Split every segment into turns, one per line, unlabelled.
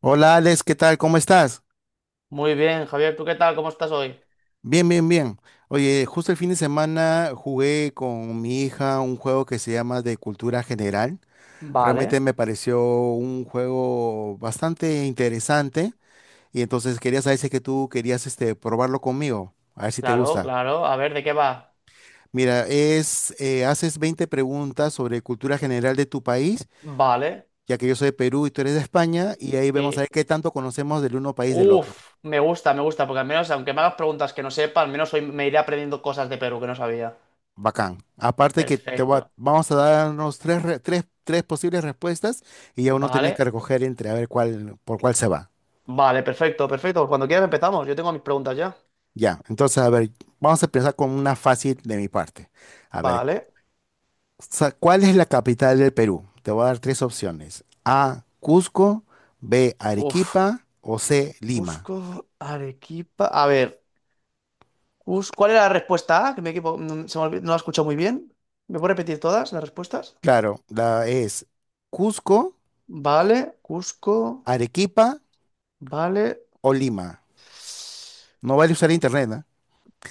Hola Alex, ¿qué tal? ¿Cómo estás?
Muy bien, Javier, ¿tú qué tal? ¿Cómo estás hoy?
Bien, bien, bien. Oye, justo el fin de semana jugué con mi hija un juego que se llama de cultura general. Realmente
Vale,
me pareció un juego bastante interesante y entonces quería saber si es que tú querías probarlo conmigo, a ver si te
Claro,
gusta.
claro. A ver, ¿de qué va?
Mira, haces 20 preguntas sobre cultura general de tu país,
Vale.
ya que yo soy de Perú y tú eres de España, y ahí vemos a
Sí.
ver qué tanto conocemos del uno país del otro.
Uf, me gusta, porque al menos, aunque me hagas preguntas que no sepa, al menos hoy me iré aprendiendo cosas de Perú que no sabía.
Bacán. Aparte que
Perfecto.
vamos a darnos tres posibles respuestas y ya uno tiene que
Vale.
recoger entre a ver cuál, por cuál se va.
Vale, perfecto, perfecto. Cuando quieras empezamos. Yo tengo mis preguntas ya.
Ya, entonces, a ver, vamos a empezar con una fácil de mi parte. A ver,
Vale.
¿cuál es la capital del Perú? Te voy a dar tres opciones. A, Cusco, B,
Uf.
Arequipa o C, Lima.
Cusco, Arequipa. A ver, ¿cuál era la respuesta A? Que no, no la he escuchado muy bien. ¿Me puedo repetir todas las respuestas?
Claro, la es Cusco,
Vale, Cusco,
Arequipa
vale.
o Lima. No vale usar internet, ¿eh?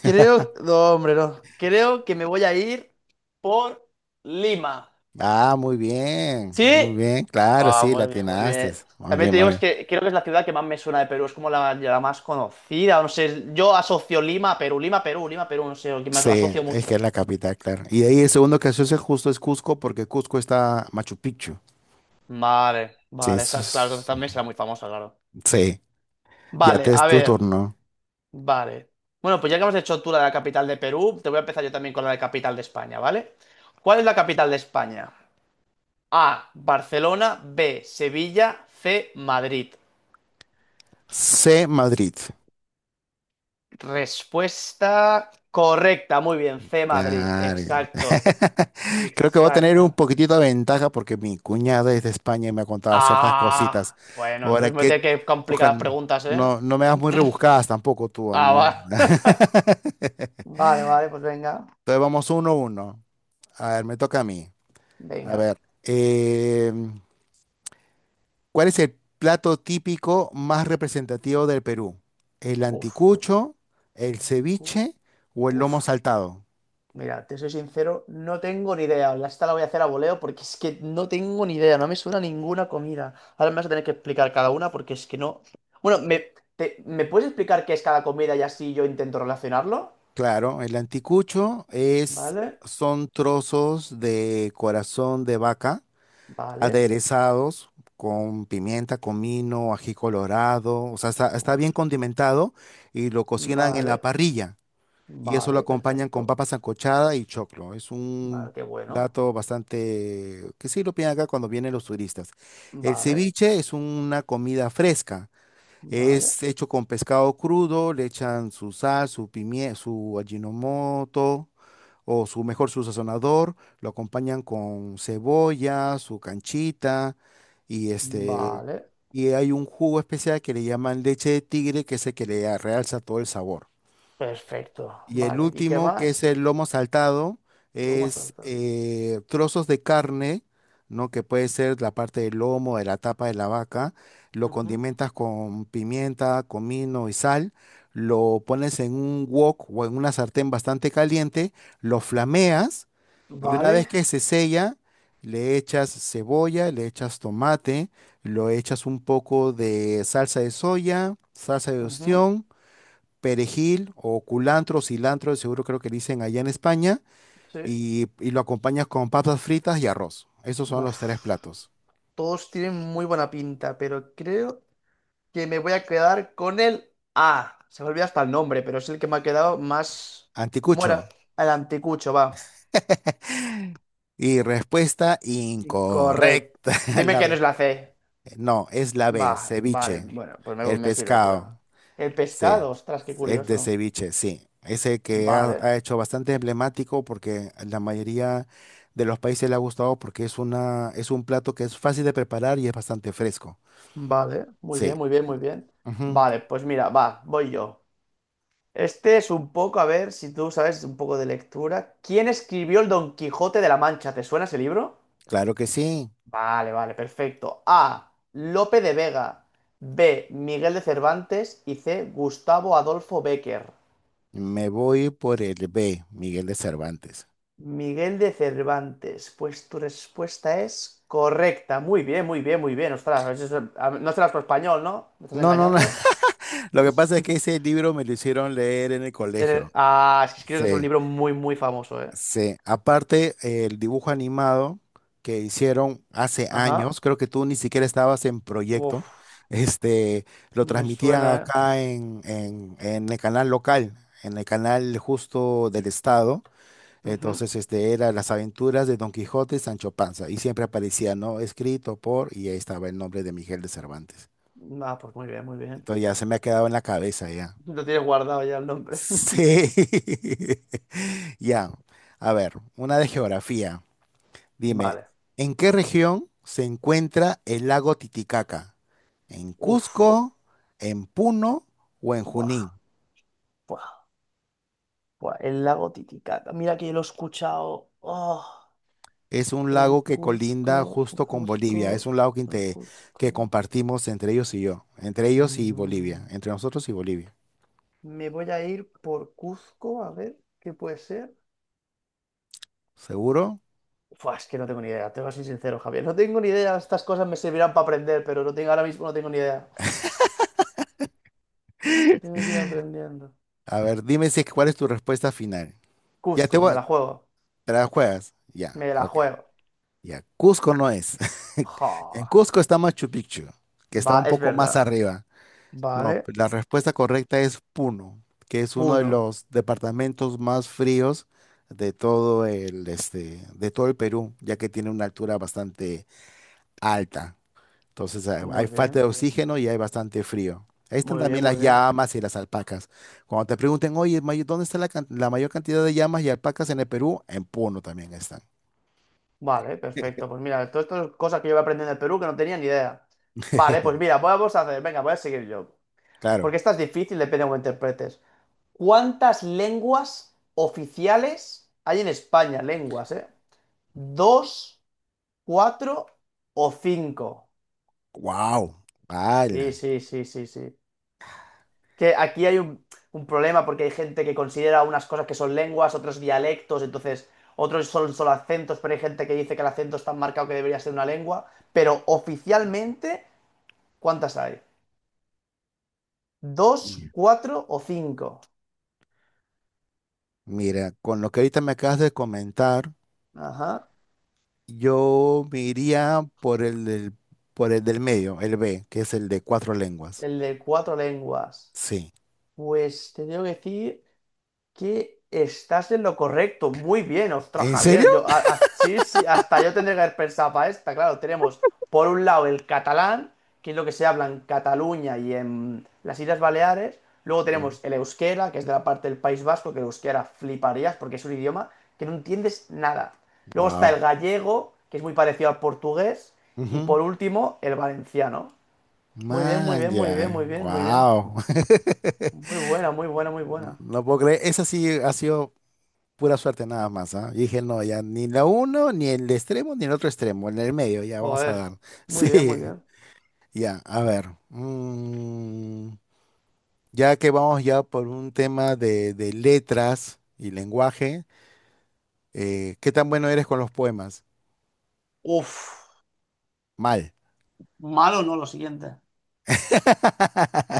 Creo, no, hombre, no. Creo que me voy a ir por Lima.
Ah,
¿Sí?
muy bien, claro,
Ah,
sí, la
muy bien, muy
atinaste.
bien.
Muy
También
bien,
te
muy
digo, es
bien.
que creo que es la ciudad que más me suena de Perú, es como la más conocida, no sé, yo asocio Lima a Perú, Lima, Perú, Lima, Perú, no sé, que más lo
Sí,
asocio
es que
mucho.
es la capital, claro. Y de ahí el segundo que se justo es Cusco, porque Cusco está Machu Picchu.
Vale,
Sí,
vale, esas, claro, entonces también será muy famosa, claro.
sí, ya
Vale,
te es
a
tu
ver,
turno.
vale. Bueno, pues ya que hemos hecho tú la de la capital de Perú, te voy a empezar yo también con la de capital de España, ¿vale? ¿Cuál es la capital de España? A, Barcelona, B, Sevilla, C, Madrid.
C, Madrid.
Respuesta correcta, muy bien, C, Madrid,
Claro.
exacto,
Creo que voy a tener un
exacta.
poquitito de ventaja porque mi cuñada es de España y me ha contado ciertas cositas.
Ah, bueno,
Ahora
entonces me voy a
que,
tener que complicar las
ojalá,
preguntas, ¿eh?
no, no me das muy rebuscadas tampoco tú,
Ah,
¿no?
va. Vale, vale, pues venga,
Entonces vamos uno a uno. A ver, me toca a mí. A
venga.
ver, em, ¿cuál es el plato típico más representativo del Perú? ¿El
Uf.
anticucho, el ceviche o el lomo
Uf.
saltado?
Mira, te soy sincero, no tengo ni idea. Ya esta la voy a hacer a voleo porque es que no tengo ni idea, no me suena ninguna comida. Ahora me vas a tener que explicar cada una porque es que no. Bueno, ¿me puedes explicar qué es cada comida y así yo intento relacionarlo?
Claro, el anticucho
Vale,
son trozos de corazón de vaca
vale,
aderezados con pimienta, comino, ají colorado, o sea, está
uf,
bien condimentado y lo cocinan en la
vale,
parrilla. Y eso lo
vale,
acompañan con
perfecto.
papa sancochada y choclo. Es un
Vale, qué bueno.
plato bastante que sí lo piden acá cuando vienen los turistas. El
Vale,
ceviche es una comida fresca.
vale,
Es hecho con pescado crudo, le echan su sal, su pimienta, su ajinomoto o su mejor su sazonador, lo acompañan con cebolla, su canchita y este
vale,
y hay un jugo especial que le llaman leche de tigre que es el que le realza todo el sabor.
perfecto.
Y el
Vale, ¿y qué
último, que es
más?
el lomo saltado,
Lo hemos
es
saltado.
trozos de carne, ¿no? Que puede ser la parte del lomo, de la tapa de la vaca. Lo
Ujú.
condimentas con pimienta, comino y sal. Lo pones en un wok o en una sartén bastante caliente. Lo flameas y una vez
Vale,
que se sella, le echas cebolla, le echas tomate, lo echas un poco de salsa de soya, salsa de
ujú,
ostión, perejil o culantro, cilantro, de seguro creo que dicen allá en España,
sí.
y lo acompañas con papas fritas y arroz. Esos son los tres
Uf.
platos.
Todos tienen muy buena pinta, pero creo que me voy a quedar con el A. Se me olvida hasta el nombre, pero es el que me ha quedado más... ¿Cómo
Anticucho.
era? El anticucho, va.
Y respuesta
Incorrecto.
incorrecta.
Dime
La
que no
re-
es la C.
no, es la
Va,
B,
vale.
ceviche.
Bueno, pues me,
El
me sirve, ¿por qué no?
pescado.
El
Sí,
pescado, ostras, qué
el de
curioso.
ceviche, sí. Ese que ha,
Vale,
ha hecho bastante emblemático porque a la mayoría de los países le ha gustado porque es un plato que es fácil de preparar y es bastante fresco.
vale. Muy
Sí.
bien, muy bien, muy bien. Vale, pues mira, va, voy yo. Este es un poco, a ver si tú sabes un poco de lectura. ¿Quién escribió el Don Quijote de la Mancha? ¿Te suena ese libro?
Claro que sí.
Vale, vale, perfecto. A. Lope de Vega. B. Miguel de Cervantes. Y C. Gustavo Adolfo Bécquer.
Me voy por el B, Miguel de Cervantes.
Miguel de Cervantes. Pues tu respuesta es correcta. Muy bien, muy bien, muy bien. Ostras, no serás por español, ¿no? ¿Me estás
No, no, no.
engañando?
Lo que pasa es que ese libro me lo hicieron leer en el colegio.
Ah, es que creo que es un
Sí,
libro muy, muy famoso, ¿eh?
sí. Aparte, el dibujo animado que hicieron hace años,
Ajá.
creo que tú ni siquiera estabas en
Uf,
proyecto, este, lo
ni me
transmitían
suena,
acá en el canal local, en el canal justo del estado.
¿eh? Ujú.
Entonces, este era Las aventuras de Don Quijote y Sancho Panza. Y siempre aparecía, ¿no? Escrito por, y ahí estaba el nombre de Miguel de Cervantes.
Ah, pues muy bien, muy bien.
Entonces ya se me ha quedado en la cabeza ya.
Lo tienes guardado ya el nombre.
Sí. Ya. A ver, una de geografía. Dime,
Vale.
¿en qué región se encuentra el lago Titicaca? ¿En
Uf.
Cusco, en Puno o en Junín?
Buah. Buah, buah, el lago Titicaca. Mira que yo lo he escuchado. Oh,
Es un
en
lago que colinda
Cusco,
justo con Bolivia. Es
Cuzco,
un lago que,
en
inte- que
Cuzco.
compartimos entre ellos y yo. Entre ellos y Bolivia.
Mm,
Entre nosotros y Bolivia.
me voy a ir por Cuzco, a ver qué puede ser.
¿Seguro?
Buah, es que no tengo ni idea, te voy a ser sincero, Javier. No tengo ni idea, estas cosas me servirán para aprender, pero no tengo, ahora mismo no tengo ni idea. Tengo que ir aprendiendo.
A ver, dime si, cuál es tu respuesta final. Ya te
Cusco,
voy.
me la juego.
¿Te la juegas? Ya,
Me la
ok.
juego.
Ya, Cusco no es.
Jo,
En Cusco está Machu Picchu, que está
va,
un
es
poco más
verdad.
arriba. No,
Vale.
la respuesta correcta es Puno, que es uno de
Puno.
los departamentos más fríos de todo el, este, de todo el Perú, ya que tiene una altura bastante alta. Entonces hay
Muy
falta de
bien.
oxígeno y hay bastante frío. Ahí están
Muy bien,
también las
muy bien.
llamas y las alpacas. Cuando te pregunten, oye, ¿dónde está la mayor cantidad de llamas y alpacas en el Perú? En Puno también están.
Vale, perfecto. Pues mira, todo esto es cosas que yo voy aprendiendo en Perú que no tenía ni idea. Vale, pues mira, vamos a hacer, venga, voy a seguir yo.
Claro.
Porque esta es difícil, depende de cómo interpretes. ¿Cuántas lenguas oficiales hay en España? Lenguas, ¿eh? ¿Dos, cuatro o cinco?
Wow.
Sí,
¡Ala!
sí, sí, sí, sí, que aquí hay un problema porque hay gente que considera unas cosas que son lenguas, otros dialectos, entonces otros son solo acentos, pero hay gente que dice que el acento es tan marcado que debería ser una lengua. Pero oficialmente, ¿cuántas hay? ¿Dos,
Y-
cuatro o cinco?
Mira, con lo que ahorita me acabas de comentar,
Ajá.
yo me iría por el del medio, el B, que es el de cuatro lenguas.
El de cuatro lenguas.
Sí.
Pues te tengo que decir que estás en lo correcto. Muy bien, ostras,
¿En serio?
Javier. Yo, sí, sí, hasta yo tendría que haber pensado para esta. Claro, tenemos por un lado el catalán, que es lo que se habla en Cataluña y en las Islas Baleares. Luego tenemos el euskera, que es de la parte del País Vasco, que el euskera fliparías porque es un idioma que no entiendes nada. Luego está el
Wow.
gallego, que es muy parecido al portugués. Y por último, el valenciano. Muy bien, muy
Man,
bien, muy bien,
ya.
muy bien, muy bien.
Wow.
Muy buena, muy buena, muy
No,
buena.
no puedo creer. Esa sí ha sido pura suerte nada más, ¿ah? Y dije, no, ya ni la uno, ni el extremo, ni el otro extremo, en el medio, ya vamos a
Joder.
dar.
Muy bien, muy
Sí,
bien.
ya, a ver. Ya que vamos ya por un tema de, letras y lenguaje, ¿qué tan bueno eres con los poemas?
Uf,
Mal.
malo no lo siguiente.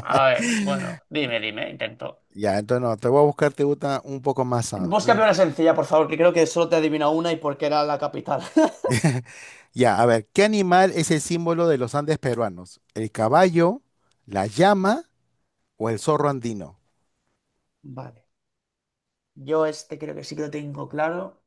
A ver, bueno, dime, dime, intento.
Ya, entonces no, te voy a buscar, te gusta un poco más,
Búscame una sencilla, por favor, que creo que solo te adivina una y porque era la capital.
Ya, a ver, ¿qué animal es el símbolo de los Andes peruanos? ¿El caballo, la llama o el zorro andino?
Vale. Yo este creo que sí que lo tengo claro.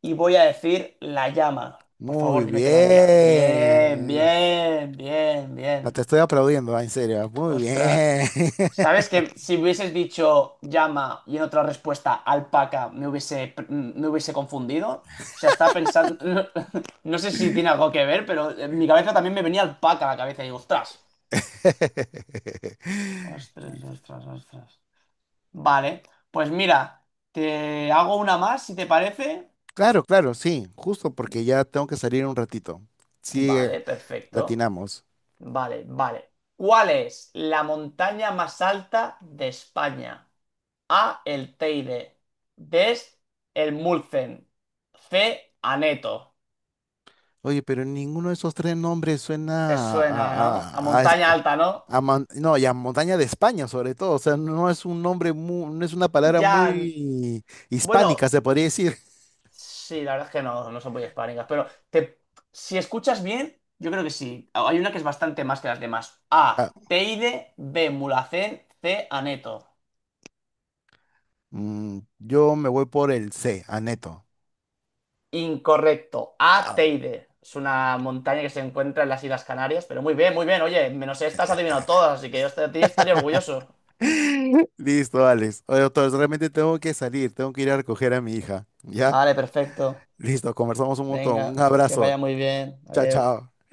Y voy a decir la llama. Por favor,
Muy
dime que no la he liado. Bien,
bien.
bien, bien,
Ah, te
bien.
estoy aplaudiendo, ah, en serio. Muy
Ostras.
bien.
Sabes que si hubieses dicho llama y en otra respuesta alpaca me hubiese confundido. O sea, estaba pensando. No, sé si tiene algo que ver, pero en mi cabeza también me venía alpaca a la cabeza y digo, ostras. Ostras, ostras, ostras. Vale, pues mira, te hago una más si te parece.
Claro, claro, sí, justo porque ya tengo que salir un ratito. Sí,
Vale, perfecto.
latinamos.
Vale, vale. ¿Cuál es la montaña más alta de España? A. El Teide. D. El Mulzen. C. Aneto.
Oye, pero ninguno de esos tres nombres
Te
suena a,
suena,
a,
¿no? A
a- a
montaña
esp-
alta, ¿no?
A mon- no, y a montaña de España, sobre todo. O sea, no es un nombre mu- no es una palabra
Ya.
muy hispánica,
Bueno,
se podría decir.
sí, la verdad es que no, no son muy hispánicas, pero te, si escuchas bien, yo creo que sí. Hay una que es bastante más que las demás. A.
Ah,
Teide. B. Mulhacén. C. Aneto.
mm, yo me voy por el C, Aneto.
Incorrecto. A.
Ah.
Teide. Es una montaña que se encuentra en las Islas Canarias, pero muy bien, muy bien. Oye, menos esta has adivinado todas, así que yo de ti estaría orgulloso.
Listo, Alex. Oye, doctor, realmente tengo que salir, tengo que ir a recoger a mi hija. ¿Ya?
Vale, perfecto.
Listo, conversamos un montón. Un
Venga, que
abrazo.
vaya muy bien.
Chao,
Adiós.
chao.